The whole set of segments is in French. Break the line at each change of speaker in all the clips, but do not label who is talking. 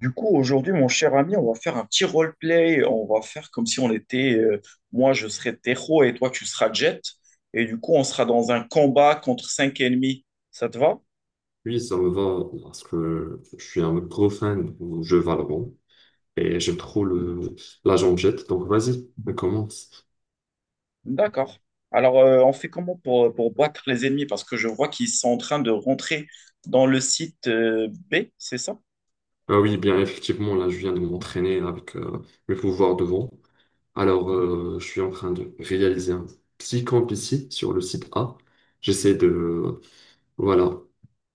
Du coup, aujourd'hui, mon cher ami, on va faire un petit roleplay. On va faire comme si on était, moi, je serais Tejo et toi, tu seras Jet. Et du coup, on sera dans un combat contre cinq ennemis. Ça te va?
Oui, ça me va parce que je suis un gros fan du jeu Valorant et j'aime trop la jette. Donc vas-y, on commence.
D'accord. Alors, on fait comment pour battre les ennemis? Parce que je vois qu'ils sont en train de rentrer dans le site, B, c'est ça?
Ah oui, bien effectivement, là je viens de m'entraîner avec mes pouvoirs de vent. Alors, je suis en train de réaliser un petit camp ici sur le site A. J'essaie de, voilà,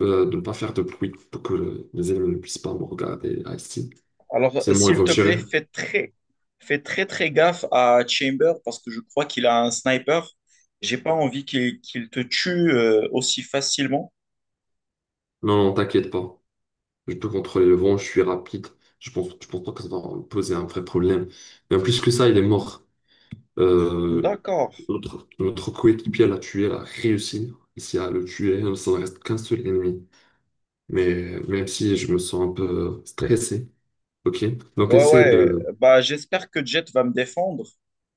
de ne pas faire de bruit pour que les ennemis ne puissent pas me regarder ah, ici.
Alors,
C'est
euh,
bon, il
s'il
faut
te
tirer.
plaît, fais très, très gaffe à Chamber parce que je crois qu'il a un sniper. J'ai pas envie qu'il te tue aussi facilement.
Non, non, t'inquiète pas. Je peux contrôler le vent, je suis rapide. Je pense pas que ça va poser un vrai problème. Mais en plus que ça, il est mort. Euh,
D'accord.
notre coéquipier l'a tué, l'a réussi ici à le tuer. Ça ne reste qu'un seul ennemi. Mais même si je me sens un peu stressé, ok? Donc
Ouais,
essaie
ouais.
de...
Bah, j'espère que Jet va me défendre.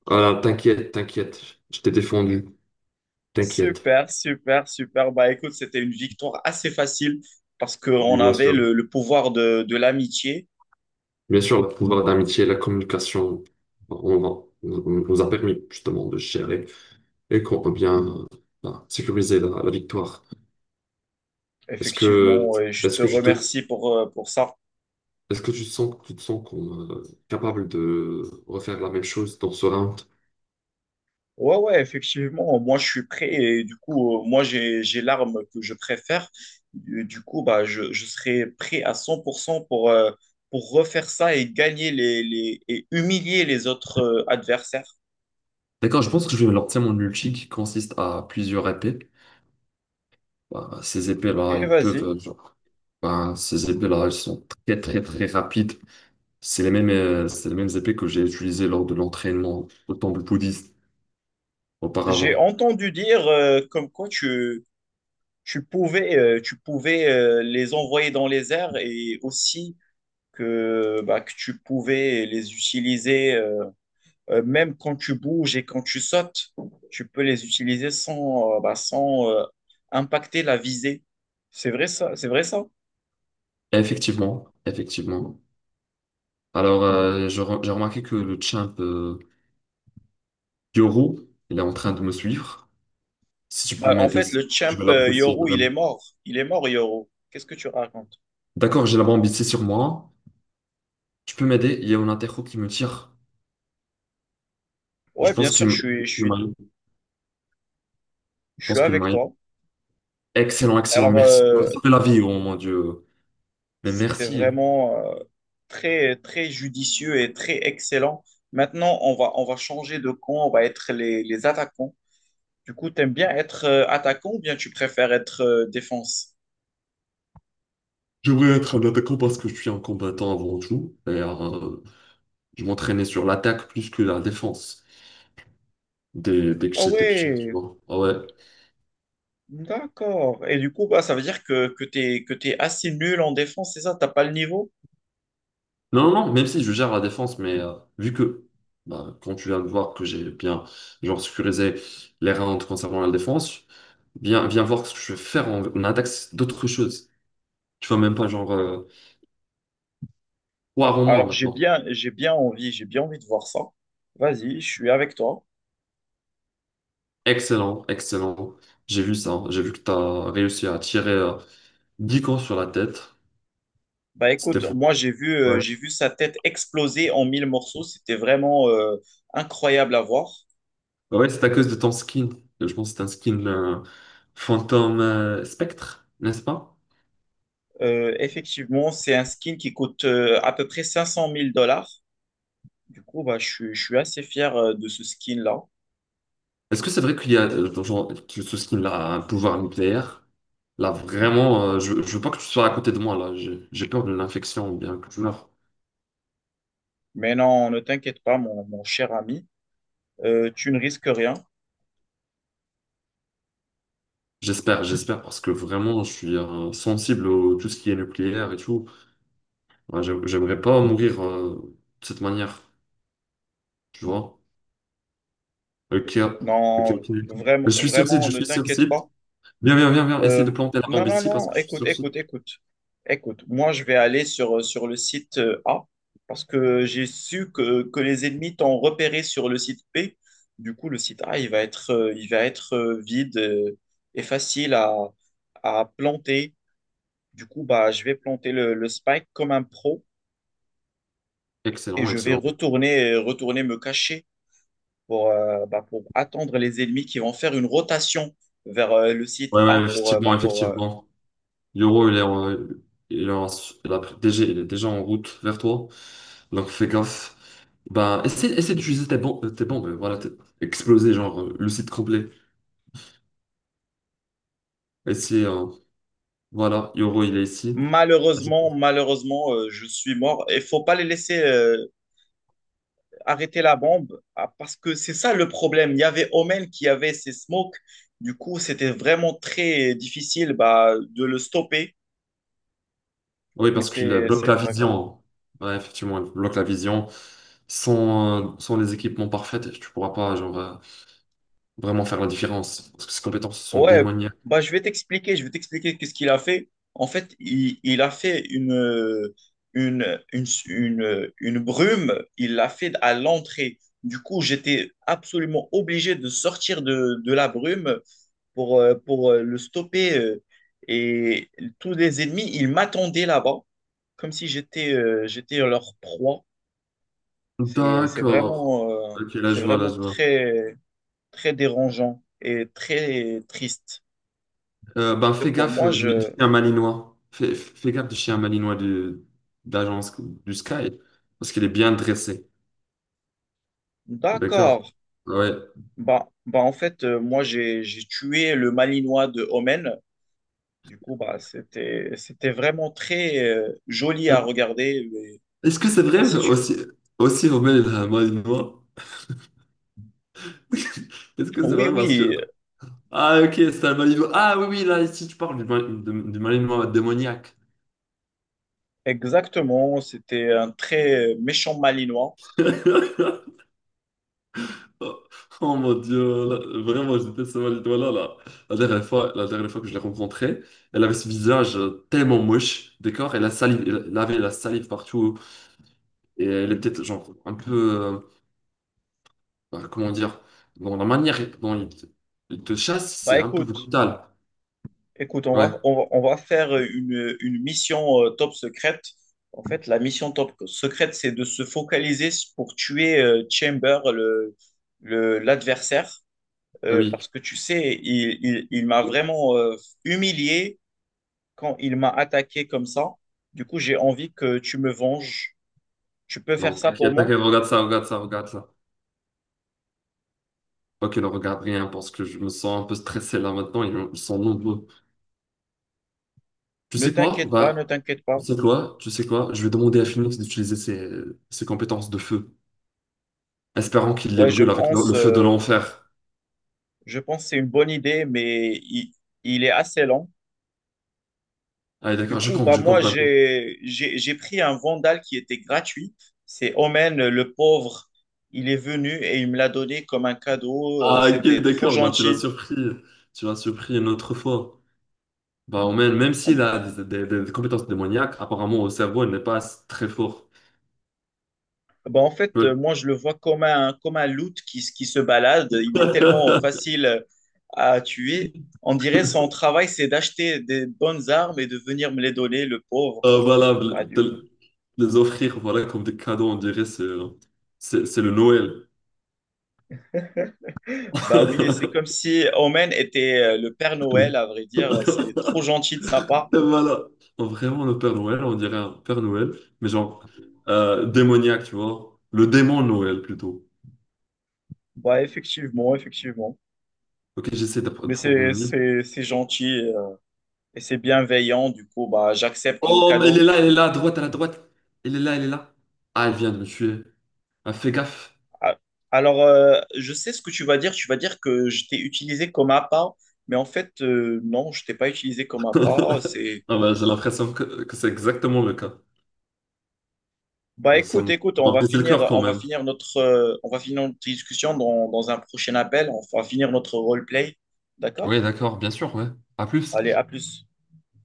Voilà, t'inquiète, t'inquiète. Je t'ai défendu. T'inquiète.
Super, super, super. Bah, écoute, c'était une victoire assez facile parce
Oui,
qu'on
bien
avait
sûr.
le pouvoir de l'amitié.
Bien sûr, le pouvoir d'amitié, la communication, on, va- on nous a permis justement de gérer. Et qu'on peut bien sécuriser la victoire. Est-ce que,
Effectivement, et je
est-ce
te
que tu te,
remercie pour ça.
Est-ce que tu sens, tu te sens qu'on capable de refaire la même chose dans ce round?
Ouais, ouais, effectivement, moi je suis prêt et du coup, moi j'ai l'arme que je préfère. Du coup, bah, je serai prêt à cent pour cent pour refaire ça et gagner et humilier les autres adversaires.
D'accord, je pense que je vais lancer mon ulti qui consiste à plusieurs épées. Ces épées-là,
Et
ils peuvent,
vas-y.
genre, elles sont très, très, très rapides. C'est les mêmes épées que j'ai utilisées lors de l'entraînement au temple bouddhiste
J'ai
auparavant.
entendu dire comme quoi tu pouvais les envoyer dans les airs et aussi que tu pouvais les utiliser. Même quand tu bouges et quand tu sautes, tu peux les utiliser sans impacter la visée. C'est vrai ça, c'est vrai ça.
Effectivement, effectivement. Alors, j'ai remarqué que le champ Yoro, il est en train de me suivre. Si tu peux
Bah, en
m'aider,
fait, le champ
je vais l'apprécier
Yoru, il
vraiment.
est mort. Il est mort, Yoru. Qu'est-ce que tu racontes?
D'accord, j'ai la bombe ici sur moi. Tu peux m'aider? Il y a un interro qui me tire. Je
Ouais, bien
pense
sûr,
qu'il
je
me
suis, je
il
suis,
m'a eu. Je
je suis
pense que le
avec
m'a
toi.
Excellent, excellent,
Alors,
merci. Tu m'as
euh,
sauvé la vie, oh mon Dieu. Mais
c'était
merci.
vraiment très, très judicieux et très excellent. Maintenant, on va changer de camp, on va être les attaquants. Du coup, t'aimes bien être attaquant ou bien tu préfères être défense?
J'aimerais être un attaquant parce que je suis un combattant avant tout. Et je m'entraînais sur l'attaque plus que la défense dès que
Ah
j'étais petit, tu
ouais,
vois. Ah ouais.
d'accord. Et du coup, bah, ça veut dire que t'es assez nul en défense, c'est ça? T'as pas le niveau?
Non, non, non, même si je gère la défense, mais vu que bah, quand tu viens de voir que j'ai bien genre sécurisé les rounds concernant la défense, viens, viens voir ce que je vais faire en, en attaque, c'est d'autres choses. Tu vois, même pas genre
Ah,
Poire en moins
Alors, j'ai
maintenant.
bien, j'ai bien envie, j'ai bien envie de voir ça. Vas-y, je suis avec toi.
Excellent, excellent. J'ai vu ça, hein. J'ai vu que tu as réussi à tirer 10 cons sur la tête.
Bah,
C'était
écoute,
fou.
moi, j'ai vu,
Ouais,
euh, j'ai vu sa tête exploser en mille morceaux. C'était vraiment incroyable à voir.
ouais c'est à cause de ton skin. Je pense que c'est un skin fantôme spectre, n'est-ce pas?
Effectivement, c'est un skin qui coûte à peu près cinq cent mille dollars. Du coup, bah, je suis assez fier de ce skin-là.
Est-ce que c'est vrai qu'il y a genre, que ce skin là a un pouvoir nucléaire? Là vraiment, je veux pas que tu sois à côté de moi là. J'ai peur d'une infection ou bien que tu meurs.
Mais non, ne t'inquiète pas, mon cher ami. Tu ne risques rien.
J'espère, j'espère parce que vraiment je suis sensible à tout ce qui est nucléaire et tout. Ouais, j'aimerais pas mourir de cette manière, tu vois? Ok, ok,
Non,
ok. Je
vraiment,
suis sur site,
vraiment,
je
ne
suis sur
t'inquiète
site.
pas.
Viens, viens, viens, viens. Essaye
Euh,
de planter la
non,
bombe
non,
ici
non,
parce que
non,
je suis
écoute,
sur site.
écoute, écoute. Écoute, moi, je vais aller sur le site A parce que j'ai su que les ennemis t'ont repéré sur le site B. Du coup, le site A, il va être vide et facile à planter. Du coup, bah, je vais planter le spike comme un pro et
Excellent,
je vais
excellent.
retourner me cacher. Pour attendre les ennemis qui vont faire une rotation vers le site
Ouais,
A.
ouais,
pour,
effectivement,
bah, pour
effectivement. Yoro, il est, en- il est en- il a- déjà, il est déjà en route vers toi. Donc fais gaffe. Ben, essaie d'utiliser tes bombes, voilà, exploser le site complet. Essaie, euh, voilà, Yoro, il est ici.
malheureusement, Malheureusement, je suis mort. Il faut pas les laisser arrêter la bombe parce que c'est ça le problème. Il y avait Omen qui avait ses smokes. Du coup, c'était vraiment très difficile de le stopper,
Oui,
mais
parce qu'il
c'est,
bloque la
c'est pas grave.
vision. Ouais, effectivement, il bloque la vision. Sans les équipements parfaits, tu pourras pas vraiment faire la différence. Parce que ses compétences sont
Ouais,
démoniaques.
bah, je vais t'expliquer qu'est-ce qu'il a fait. En fait, il a fait une brume, il l'a fait à l'entrée. Du coup, j'étais absolument obligé de sortir de la brume pour le stopper. Et tous les ennemis, ils m'attendaient là-bas, comme si j'étais leur proie. C'est, c'est
D'accord.
vraiment, euh,
Ok, là
c'est
je vois, là
vraiment
je vois.
très, très dérangeant et très triste.
Ben,
Et
fais
pour
gaffe
moi,
du
je...
chien malinois. Fais gaffe du chien malinois de d'agence du Sky, parce qu'il est bien dressé. D'accord?
D'accord.
Ah ouais.
Bah, en fait, moi, j'ai tué le Malinois de Omen. Du coup, bah, c'était vraiment très joli à regarder, mais
Est-ce que c'est
Je sais pas
vrai
si tu...
aussi, Aussi Romain est un malinois? Est-ce que c'est
Oui,
vrai parce que...
oui,
Ah ok, c'est un malinois. Ah oui, oui, là, ici tu parles du malinois démoniaque.
exactement. C'était un très méchant Malinois.
Oh oh mon Dieu, là, vraiment, j'étais ce cette étoile-là, là. La dernière fois que je l'ai rencontrée, elle avait ce visage tellement moche, d'accord? Elle avait la salive partout, et elle est peut-être, genre, un peu, euh, comment dire, dans la manière dont il te chasse, c'est
Bah,
un peu
écoute,
brutal.
écoute, on va,
Ouais,
on va, on va faire une mission top secrète. En fait, la mission top secrète, c'est de se focaliser pour tuer Chamber, l'adversaire.
ah oui.
Parce que tu sais, il m'a vraiment humilié quand il m'a attaqué comme ça. Du coup, j'ai envie que tu me venges. Tu peux faire
Non,
ça pour
t'inquiète,
moi?
t'inquiète, regarde ça, regarde ça, regarde ça. Ok, ne regarde rien, parce que je me sens un peu stressé là maintenant, ils sont nombreux. Tu
Ne
sais quoi?
t'inquiète pas, ne t'inquiète pas.
Tu sais quoi? Je vais demander à Phoenix d'utiliser ses, ses compétences de feu, espérant qu'il les
Ouais, je
brûle avec
pense,
le feu de
euh,
l'enfer.
je pense que c'est une bonne idée, mais il est assez lent.
Allez,
Du
d'accord,
coup, bah
je
moi,
compte maintenant.
j'ai pris un vandal qui était gratuit. C'est Omen, le pauvre. Il est venu et il me l'a donné comme un cadeau.
Ah, ok,
C'était trop
d'accord, bah, tu l'as
gentil.
surpris. Tu l'as surpris une autre fois. Bah, on Même, même s'il a des compétences démoniaques, apparemment, au cerveau, il n'est pas très fort.
Ben, en fait,
Peut-
moi, je le vois comme un, loot qui se balade. Il est tellement facile à tuer. On dirait son travail, c'est d'acheter des bonnes armes et de venir me les donner, le pauvre.
Voilà,
Bah, du coup,
de les offrir voilà, comme des cadeaux, on dirait, c'est le Noël.
bah oui, c'est comme si Omen était le Père Noël, à vrai dire. C'est trop gentil de sa part.
Et voilà. Oh, vraiment, le Père Noël, on dirait un Père Noël, mais démoniaque, tu vois. Le démon Noël, plutôt.
Bah, effectivement, effectivement.
Ok, j'essaie de
Mais
prendre
c'est,
mon livre.
c'est, c'est gentil et c'est bienveillant. Du coup, bah, j'accepte le
Oh, mais
cadeau.
elle est là, à droite, à la droite. Elle est là, elle est là. Ah, elle vient de me tuer. Ah, fais gaffe.
Ah, alors, je sais ce que tu vas dire. Tu vas dire que je t'ai utilisé comme appât, mais en fait, non, je t'ai pas utilisé comme appât.
Ah, bah, j'ai l'impression que c'est exactement le cas.
Bah, écoute, écoute,
Ça
on
m'a
va
brisé le
finir,
cœur quand
on va
même.
finir notre discussion dans un prochain appel. On va finir notre roleplay, d'accord?
Oui, d'accord, bien sûr, ouais. À plus.
Allez, à plus.